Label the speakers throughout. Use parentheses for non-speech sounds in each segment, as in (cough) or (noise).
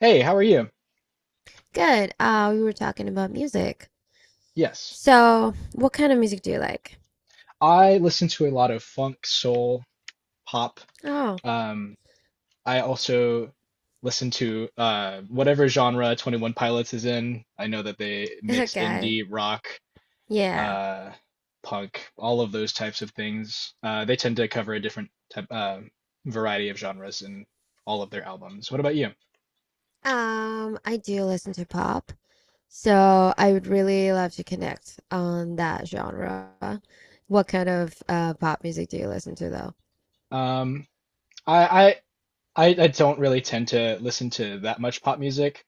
Speaker 1: Hey, how are you?
Speaker 2: Good. We were talking about music.
Speaker 1: Yes.
Speaker 2: So, what kind of music do you like?
Speaker 1: I listen to a lot of funk, soul, pop.
Speaker 2: Oh,
Speaker 1: Um, I also listen to whatever genre 21 Pilots is in. I know that they
Speaker 2: (laughs)
Speaker 1: mix
Speaker 2: okay.
Speaker 1: indie, rock,
Speaker 2: Yeah.
Speaker 1: uh, punk, all of those types of things. They tend to cover a different type, variety of genres in all of their albums. What about you?
Speaker 2: I do listen to pop, so I would really love to connect on that genre. What kind of pop music do you listen to though?
Speaker 1: Um, I, I don't really tend to listen to that much pop music.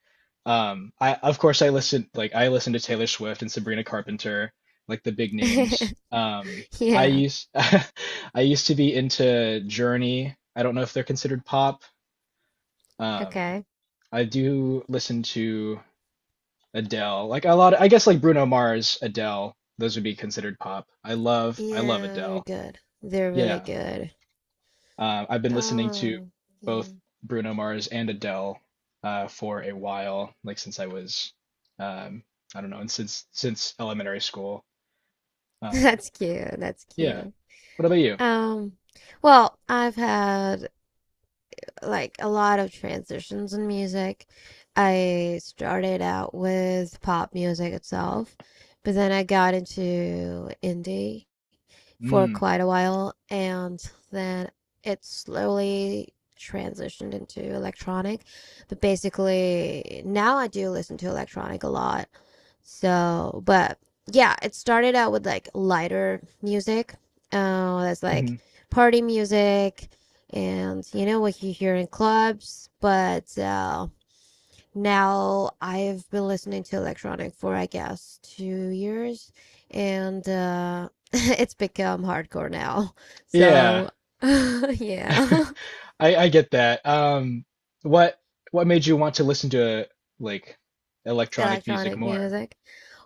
Speaker 1: I of course I listen like I listen to Taylor Swift and Sabrina Carpenter, like the big names.
Speaker 2: (laughs)
Speaker 1: I
Speaker 2: Yeah.
Speaker 1: used (laughs) I used to be into Journey. I don't know if they're considered pop. Um,
Speaker 2: Okay.
Speaker 1: I do listen to Adele. Like a lot of, I guess like Bruno Mars, Adele, those would be considered pop. I love
Speaker 2: Yeah, they're
Speaker 1: Adele.
Speaker 2: good. They're really
Speaker 1: Yeah.
Speaker 2: good.
Speaker 1: I've been listening to
Speaker 2: Oh,
Speaker 1: both
Speaker 2: yeah.
Speaker 1: Bruno Mars and Adele for a while, like since I was, um, I don't know, and since elementary school.
Speaker 2: (laughs)
Speaker 1: Um,
Speaker 2: That's cute. That's
Speaker 1: yeah.
Speaker 2: cute.
Speaker 1: What about you?
Speaker 2: Um, well, I've had like a lot of transitions in music. I started out with pop music itself, but then I got into indie for
Speaker 1: Mm,
Speaker 2: quite a while, and then it slowly transitioned into electronic. But basically, now I do listen to electronic a lot. So, but yeah, it started out with like lighter music. That's like
Speaker 1: hmm.
Speaker 2: party music and you know what you hear in clubs. But now I've been listening to electronic for I guess 2 years and (laughs) it's become hardcore now.
Speaker 1: Yeah,
Speaker 2: So, (laughs)
Speaker 1: (laughs)
Speaker 2: yeah,
Speaker 1: I get that. What what made you want to listen to like
Speaker 2: (laughs)
Speaker 1: electronic music
Speaker 2: electronic
Speaker 1: more?
Speaker 2: music.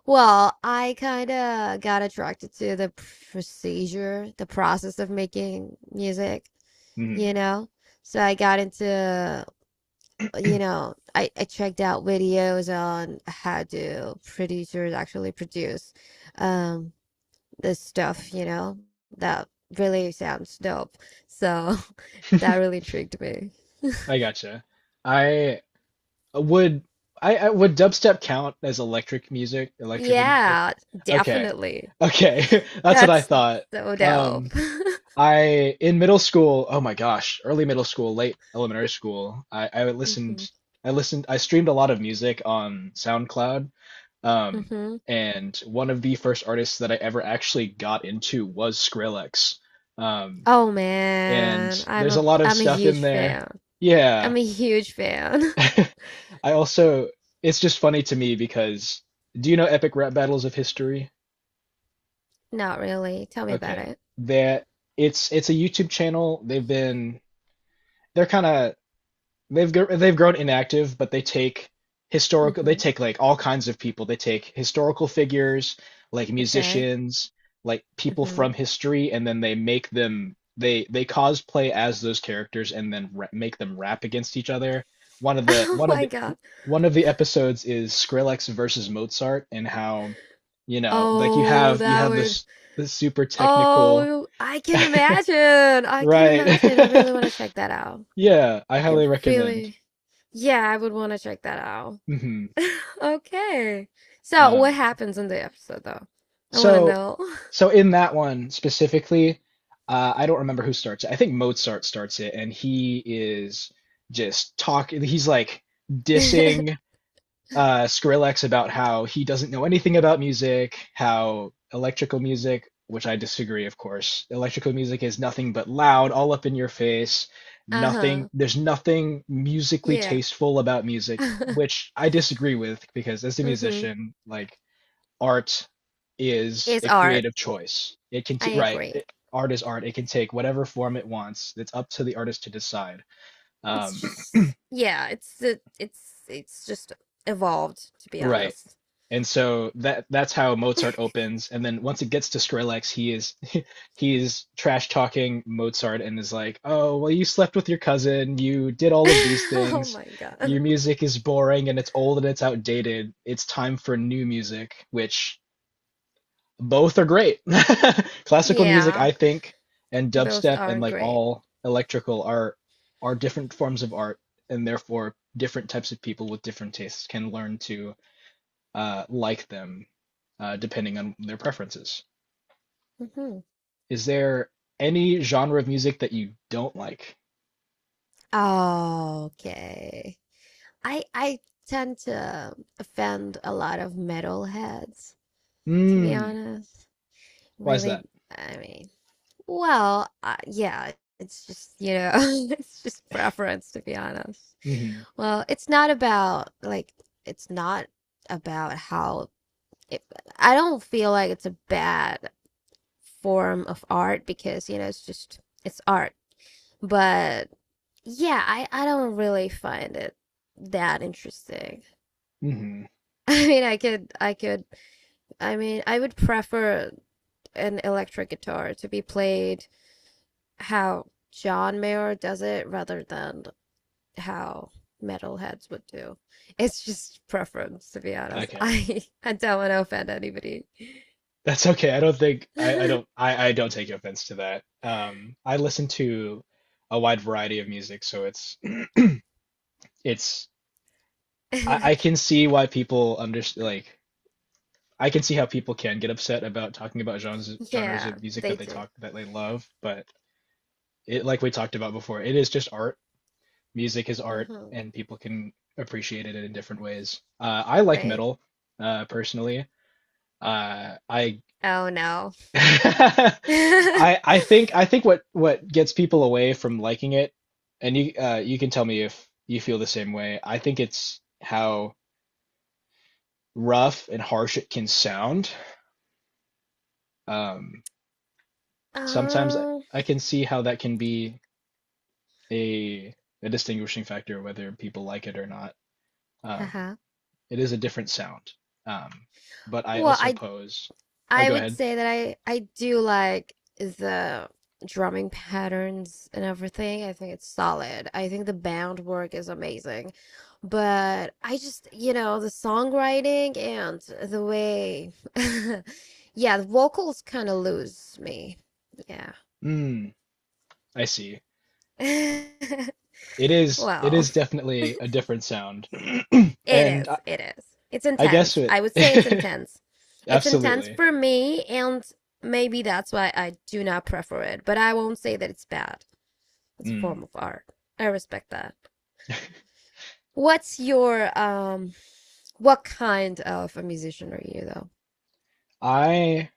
Speaker 2: Well, I kind of got attracted to the procedure, the process of making music,
Speaker 1: Hmm.
Speaker 2: you know? So I got into, you know, I checked out videos on how do producers actually produce um this stuff, you know? That really sounds dope. So (laughs) that really intrigued me.
Speaker 1: I gotcha. I would I would dubstep count as electric music, electrical music?
Speaker 2: Yeah,
Speaker 1: Okay.
Speaker 2: definitely.
Speaker 1: Okay. (laughs) That's what I
Speaker 2: That's
Speaker 1: thought.
Speaker 2: so dope.
Speaker 1: Um,
Speaker 2: (laughs)
Speaker 1: I in middle school, oh my gosh, early middle school, late elementary school, I, I listened
Speaker 2: hmm
Speaker 1: I listened I streamed a lot of music on SoundCloud. Um,
Speaker 2: hmm
Speaker 1: and one of the first artists that I ever actually got into was Skrillex. Um,
Speaker 2: Oh man,
Speaker 1: and
Speaker 2: I'm
Speaker 1: there's a
Speaker 2: a
Speaker 1: lot of
Speaker 2: I'm a
Speaker 1: stuff in
Speaker 2: huge
Speaker 1: there.
Speaker 2: fan.
Speaker 1: Yeah.
Speaker 2: I'm a huge fan.
Speaker 1: (laughs) I also it's just funny to me because do you know Epic Rap Battles of History?
Speaker 2: (laughs) Not really. Tell me about
Speaker 1: Okay.
Speaker 2: it.
Speaker 1: That it's a YouTube channel. They've been they're kind of they've gr- they've grown inactive, but they
Speaker 2: Mm-hmm.
Speaker 1: take like all kinds of people. They take historical figures, like
Speaker 2: Okay.
Speaker 1: musicians, like people
Speaker 2: Mm-hmm.
Speaker 1: from history, and then they make them they cosplay as those characters and then ra make them rap against each other. One of
Speaker 2: (laughs)
Speaker 1: the
Speaker 2: Oh
Speaker 1: one of
Speaker 2: my
Speaker 1: the
Speaker 2: God.
Speaker 1: one of the episodes is Skrillex versus Mozart and how, you know, like you
Speaker 2: Oh,
Speaker 1: have you
Speaker 2: that
Speaker 1: have
Speaker 2: would.
Speaker 1: this this super technical
Speaker 2: Oh, I can
Speaker 1: (laughs)
Speaker 2: imagine. I can imagine. I
Speaker 1: Right.
Speaker 2: really
Speaker 1: (laughs)
Speaker 2: want to check that out.
Speaker 1: Yeah, I
Speaker 2: It
Speaker 1: highly recommend.
Speaker 2: really. Yeah, I would want to check that out. (laughs)
Speaker 1: Hmm.
Speaker 2: Okay. So, what
Speaker 1: Um,
Speaker 2: happens in the episode though? I want to
Speaker 1: so,
Speaker 2: know.
Speaker 1: so in that one specifically, I don't remember who starts it. I think Mozart starts it, and he is just talking. He's like dissing
Speaker 2: (laughs)
Speaker 1: Skrillex about how he doesn't know anything about music, how electrical music, which I disagree, of course, electrical music is nothing but loud, all up in your face, nothing,
Speaker 2: Uh-huh.
Speaker 1: there's nothing musically
Speaker 2: Yeah.
Speaker 1: tasteful about music,
Speaker 2: (laughs)
Speaker 1: which I disagree with because as a
Speaker 2: Mm-hmm.
Speaker 1: musician, like art is
Speaker 2: It's
Speaker 1: a
Speaker 2: art.
Speaker 1: creative choice. It can,
Speaker 2: I
Speaker 1: t- right,
Speaker 2: agree.
Speaker 1: it, art is art. It can take whatever form it wants. It's up to the artist to decide.
Speaker 2: It's
Speaker 1: Um,
Speaker 2: just yeah, it's it's just evolved to be
Speaker 1: Right.
Speaker 2: honest.
Speaker 1: And so that's how Mozart opens. And then once it gets to Skrillex, he is (laughs) he is trash talking Mozart and is like, "Oh, well, you slept with your cousin, you did
Speaker 2: (laughs)
Speaker 1: all of these
Speaker 2: Oh
Speaker 1: things.
Speaker 2: my God.
Speaker 1: Your music is boring and it's old and it's outdated. It's time for new music," which both are great. (laughs) Classical music,
Speaker 2: Yeah,
Speaker 1: I think, and
Speaker 2: both
Speaker 1: dubstep and
Speaker 2: are
Speaker 1: like
Speaker 2: great.
Speaker 1: all electrical are different forms of art and therefore different types of people with different tastes can learn to like them depending on their preferences.
Speaker 2: Hmm.
Speaker 1: Is there any genre of music that you don't like?
Speaker 2: Okay. I tend to offend a lot of metalheads, to be
Speaker 1: Hmm.
Speaker 2: honest.
Speaker 1: Why is
Speaker 2: Really,
Speaker 1: that?
Speaker 2: I mean, well, yeah, it's just, you know, (laughs) it's just preference, to be honest.
Speaker 1: Mm-hmm.
Speaker 2: Well, it's not about like it's not about how it, I don't feel like it's a bad form of art because you know it's just it's art. But yeah, I don't really find it that interesting.
Speaker 1: Mm-hmm.
Speaker 2: (laughs) I mean, I could I mean, I would prefer an electric guitar to be played how John Mayer does it rather than how metalheads would do. It's just preference, to be honest. (laughs)
Speaker 1: Okay.
Speaker 2: I don't want to offend anybody.
Speaker 1: That's okay. I don't think
Speaker 2: (laughs)
Speaker 1: I don't take offense to that. I listen to a wide variety of music, so it's I can see why people under like I can see how people can get upset about talking about genres
Speaker 2: Yeah,
Speaker 1: of music
Speaker 2: they
Speaker 1: that they
Speaker 2: do.
Speaker 1: talk that they love, but it like we talked about before, it is just art. Music is art
Speaker 2: Mm-hmm.
Speaker 1: and people can appreciate it in different ways. I like
Speaker 2: Right.
Speaker 1: metal personally. I
Speaker 2: Oh no.
Speaker 1: (laughs) I
Speaker 2: (laughs)
Speaker 1: I think what gets people away from liking it, and you can tell me if you feel the same way. I think it's how rough and harsh it can sound. Um, sometimes
Speaker 2: Oh.
Speaker 1: I can see how that can be a a distinguishing factor whether people like it or not. Um,
Speaker 2: Uh-huh.
Speaker 1: It is a different sound. Um, but I
Speaker 2: Well,
Speaker 1: also
Speaker 2: I
Speaker 1: pose. Oh,
Speaker 2: I
Speaker 1: go
Speaker 2: would
Speaker 1: ahead.
Speaker 2: say that I do like the drumming patterns and everything. I think it's solid. I think the band work is amazing. But I just, you know, the songwriting and the way (laughs) yeah, the vocals kind of lose me. Yeah.
Speaker 1: Mm, I see.
Speaker 2: (laughs)
Speaker 1: It
Speaker 2: Well,
Speaker 1: is definitely a different sound. (clears throat)
Speaker 2: it
Speaker 1: And
Speaker 2: is. It is. It's
Speaker 1: I guess
Speaker 2: intense.
Speaker 1: it
Speaker 2: I would say it's intense.
Speaker 1: (laughs)
Speaker 2: It's intense
Speaker 1: absolutely.
Speaker 2: for me and maybe that's why I do not prefer it, but I won't say that it's bad. It's a
Speaker 1: Mm.
Speaker 2: form of art. I respect that. What's your what kind of a musician are you though?
Speaker 1: I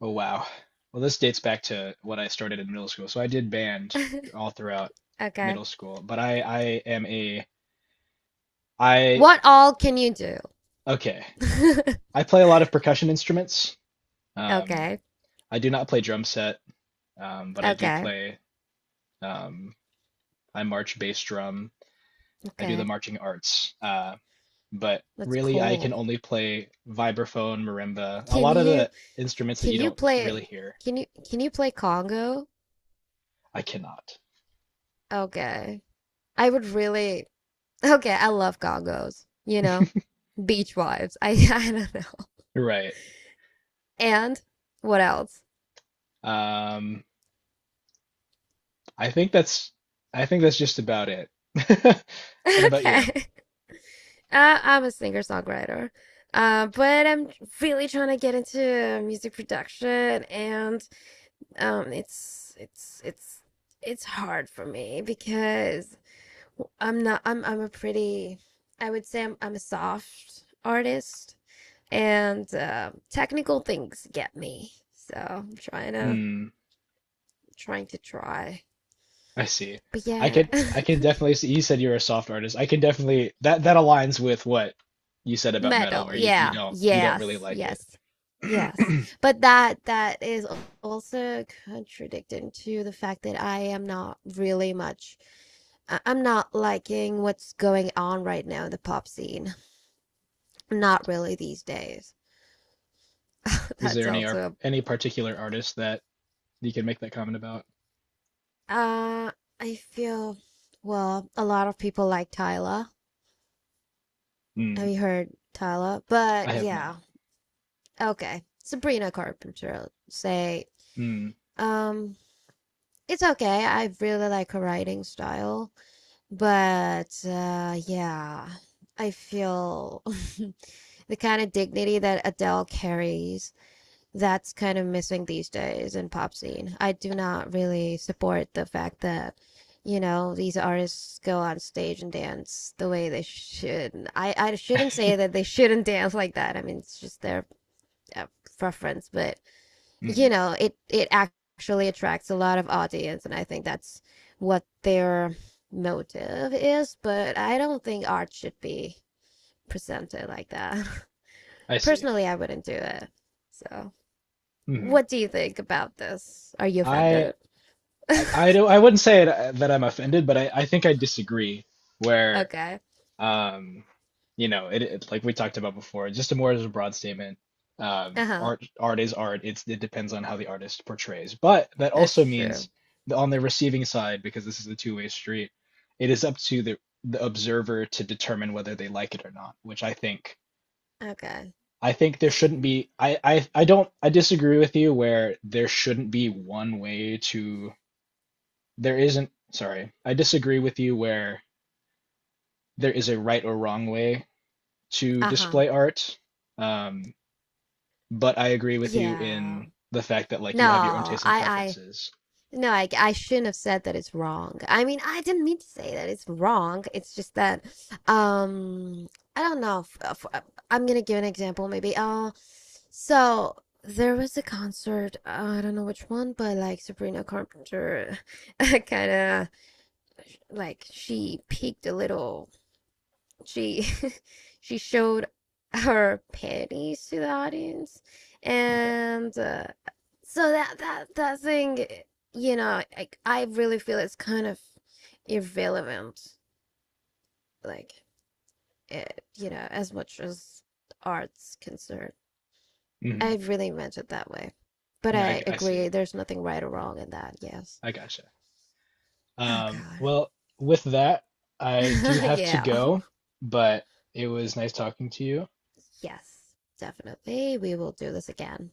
Speaker 1: oh wow. Well, this dates back to what I started in middle school. So I did band all throughout
Speaker 2: (laughs) Okay.
Speaker 1: middle school, but I am a I
Speaker 2: What all can you do?
Speaker 1: okay.
Speaker 2: (laughs)
Speaker 1: I play a lot of percussion instruments. Um,
Speaker 2: okay.
Speaker 1: I do not play drum set, but I do
Speaker 2: Okay.
Speaker 1: play um, I march bass drum. I do the
Speaker 2: Okay.
Speaker 1: marching arts. But
Speaker 2: That's
Speaker 1: really, I can
Speaker 2: cool.
Speaker 1: only play vibraphone, marimba, a
Speaker 2: Can
Speaker 1: lot of
Speaker 2: you
Speaker 1: the instruments that
Speaker 2: can
Speaker 1: you
Speaker 2: you
Speaker 1: don't really
Speaker 2: play
Speaker 1: hear.
Speaker 2: can you play Congo?
Speaker 1: I cannot.
Speaker 2: Okay. I would really, okay, I love Congos. You know, beach vibes. (laughs) I don't know.
Speaker 1: Right.
Speaker 2: And what else? (laughs)
Speaker 1: Um, I think that's I think that's just about it. (laughs) What about you?
Speaker 2: Okay. I'm a singer-songwriter. But I'm really trying to get into music production and it's it's hard for me because I'm not I'm I'm a pretty I would say I'm a soft artist and technical things get me. So I'm
Speaker 1: Hmm,
Speaker 2: trying to try.
Speaker 1: I see.
Speaker 2: But
Speaker 1: I
Speaker 2: yeah.
Speaker 1: can I can
Speaker 2: (laughs)
Speaker 1: definitely see you said you're a soft artist. I can definitely that that aligns with what you said about metal
Speaker 2: Metal,
Speaker 1: where you you
Speaker 2: yeah,
Speaker 1: don't you don't really
Speaker 2: yes
Speaker 1: like it.
Speaker 2: yes yes
Speaker 1: (clears throat)
Speaker 2: but that is also contradicting to the fact that I am not really much I'm not liking what's going on right now in the pop scene, not really these days. (laughs)
Speaker 1: Is
Speaker 2: That's
Speaker 1: there
Speaker 2: also,
Speaker 1: any particular artist that you can make that comment about?
Speaker 2: uh I feel well a lot of people like Tyler,
Speaker 1: Mm,
Speaker 2: have you heard Tyler? But
Speaker 1: I have not.
Speaker 2: yeah, okay, Sabrina Carpenter, say,
Speaker 1: Mm.
Speaker 2: um it's okay. I really like her writing style, but yeah, I feel (laughs) the kind of dignity that Adele carries, that's kind of missing these days in pop scene. I do not really support the fact that, you know, these artists go on stage and dance the way they should. I shouldn't say that
Speaker 1: (laughs)
Speaker 2: they shouldn't (laughs) dance like that. I mean, it's just their uh, preference, but you
Speaker 1: Mm,
Speaker 2: know it it actually attracts a lot of audience and I think that's what their motive is, but I don't think art should be presented like that.
Speaker 1: I
Speaker 2: (laughs)
Speaker 1: see.
Speaker 2: Personally, I wouldn't do it. So
Speaker 1: Mm.
Speaker 2: what do you think about this? Are you
Speaker 1: I,
Speaker 2: offended?
Speaker 1: I wouldn't say it, that I'm offended, but I think I disagree where
Speaker 2: Okay.
Speaker 1: um you know it like we talked about before, just a more as a broad statement.
Speaker 2: Uh-huh.
Speaker 1: Art art is art. It's it depends on how the artist portrays. But that
Speaker 2: That's
Speaker 1: also means
Speaker 2: true.
Speaker 1: that on the receiving side, because this is a two-way street, it is up to the observer to determine whether they like it or not, which I think
Speaker 2: Okay.
Speaker 1: I think there shouldn't be I don't I disagree with you where there shouldn't be one way to there isn't sorry. I disagree with you where there is a right or wrong way to
Speaker 2: Uh-huh.
Speaker 1: display art. Um, but I agree with you
Speaker 2: Yeah.
Speaker 1: in the fact that like
Speaker 2: no
Speaker 1: you have your own tastes and
Speaker 2: i i
Speaker 1: preferences.
Speaker 2: I shouldn't have said that it's wrong. I mean, I didn't mean to say that it's wrong. It's just that, um, I don't know. If, I'm gonna give an example, maybe. So there was a concert. I don't know which one, but like Sabrina Carpenter, (laughs) kind of like she peaked a little she (laughs) she showed her panties to the audience,
Speaker 1: Okay.
Speaker 2: and so that thing, you know, like I really feel it's kind of irrelevant, like it, you know, as much as art's concerned. I
Speaker 1: Hmm.
Speaker 2: really meant it that way, but
Speaker 1: Yeah,
Speaker 2: I
Speaker 1: I see.
Speaker 2: agree. There's nothing right or wrong in that. Yes.
Speaker 1: I gotcha.
Speaker 2: Oh God.
Speaker 1: Well, with that, I do have to
Speaker 2: (laughs) yeah.
Speaker 1: go, but it was nice talking to you.
Speaker 2: Yes. Definitely, we will do this again.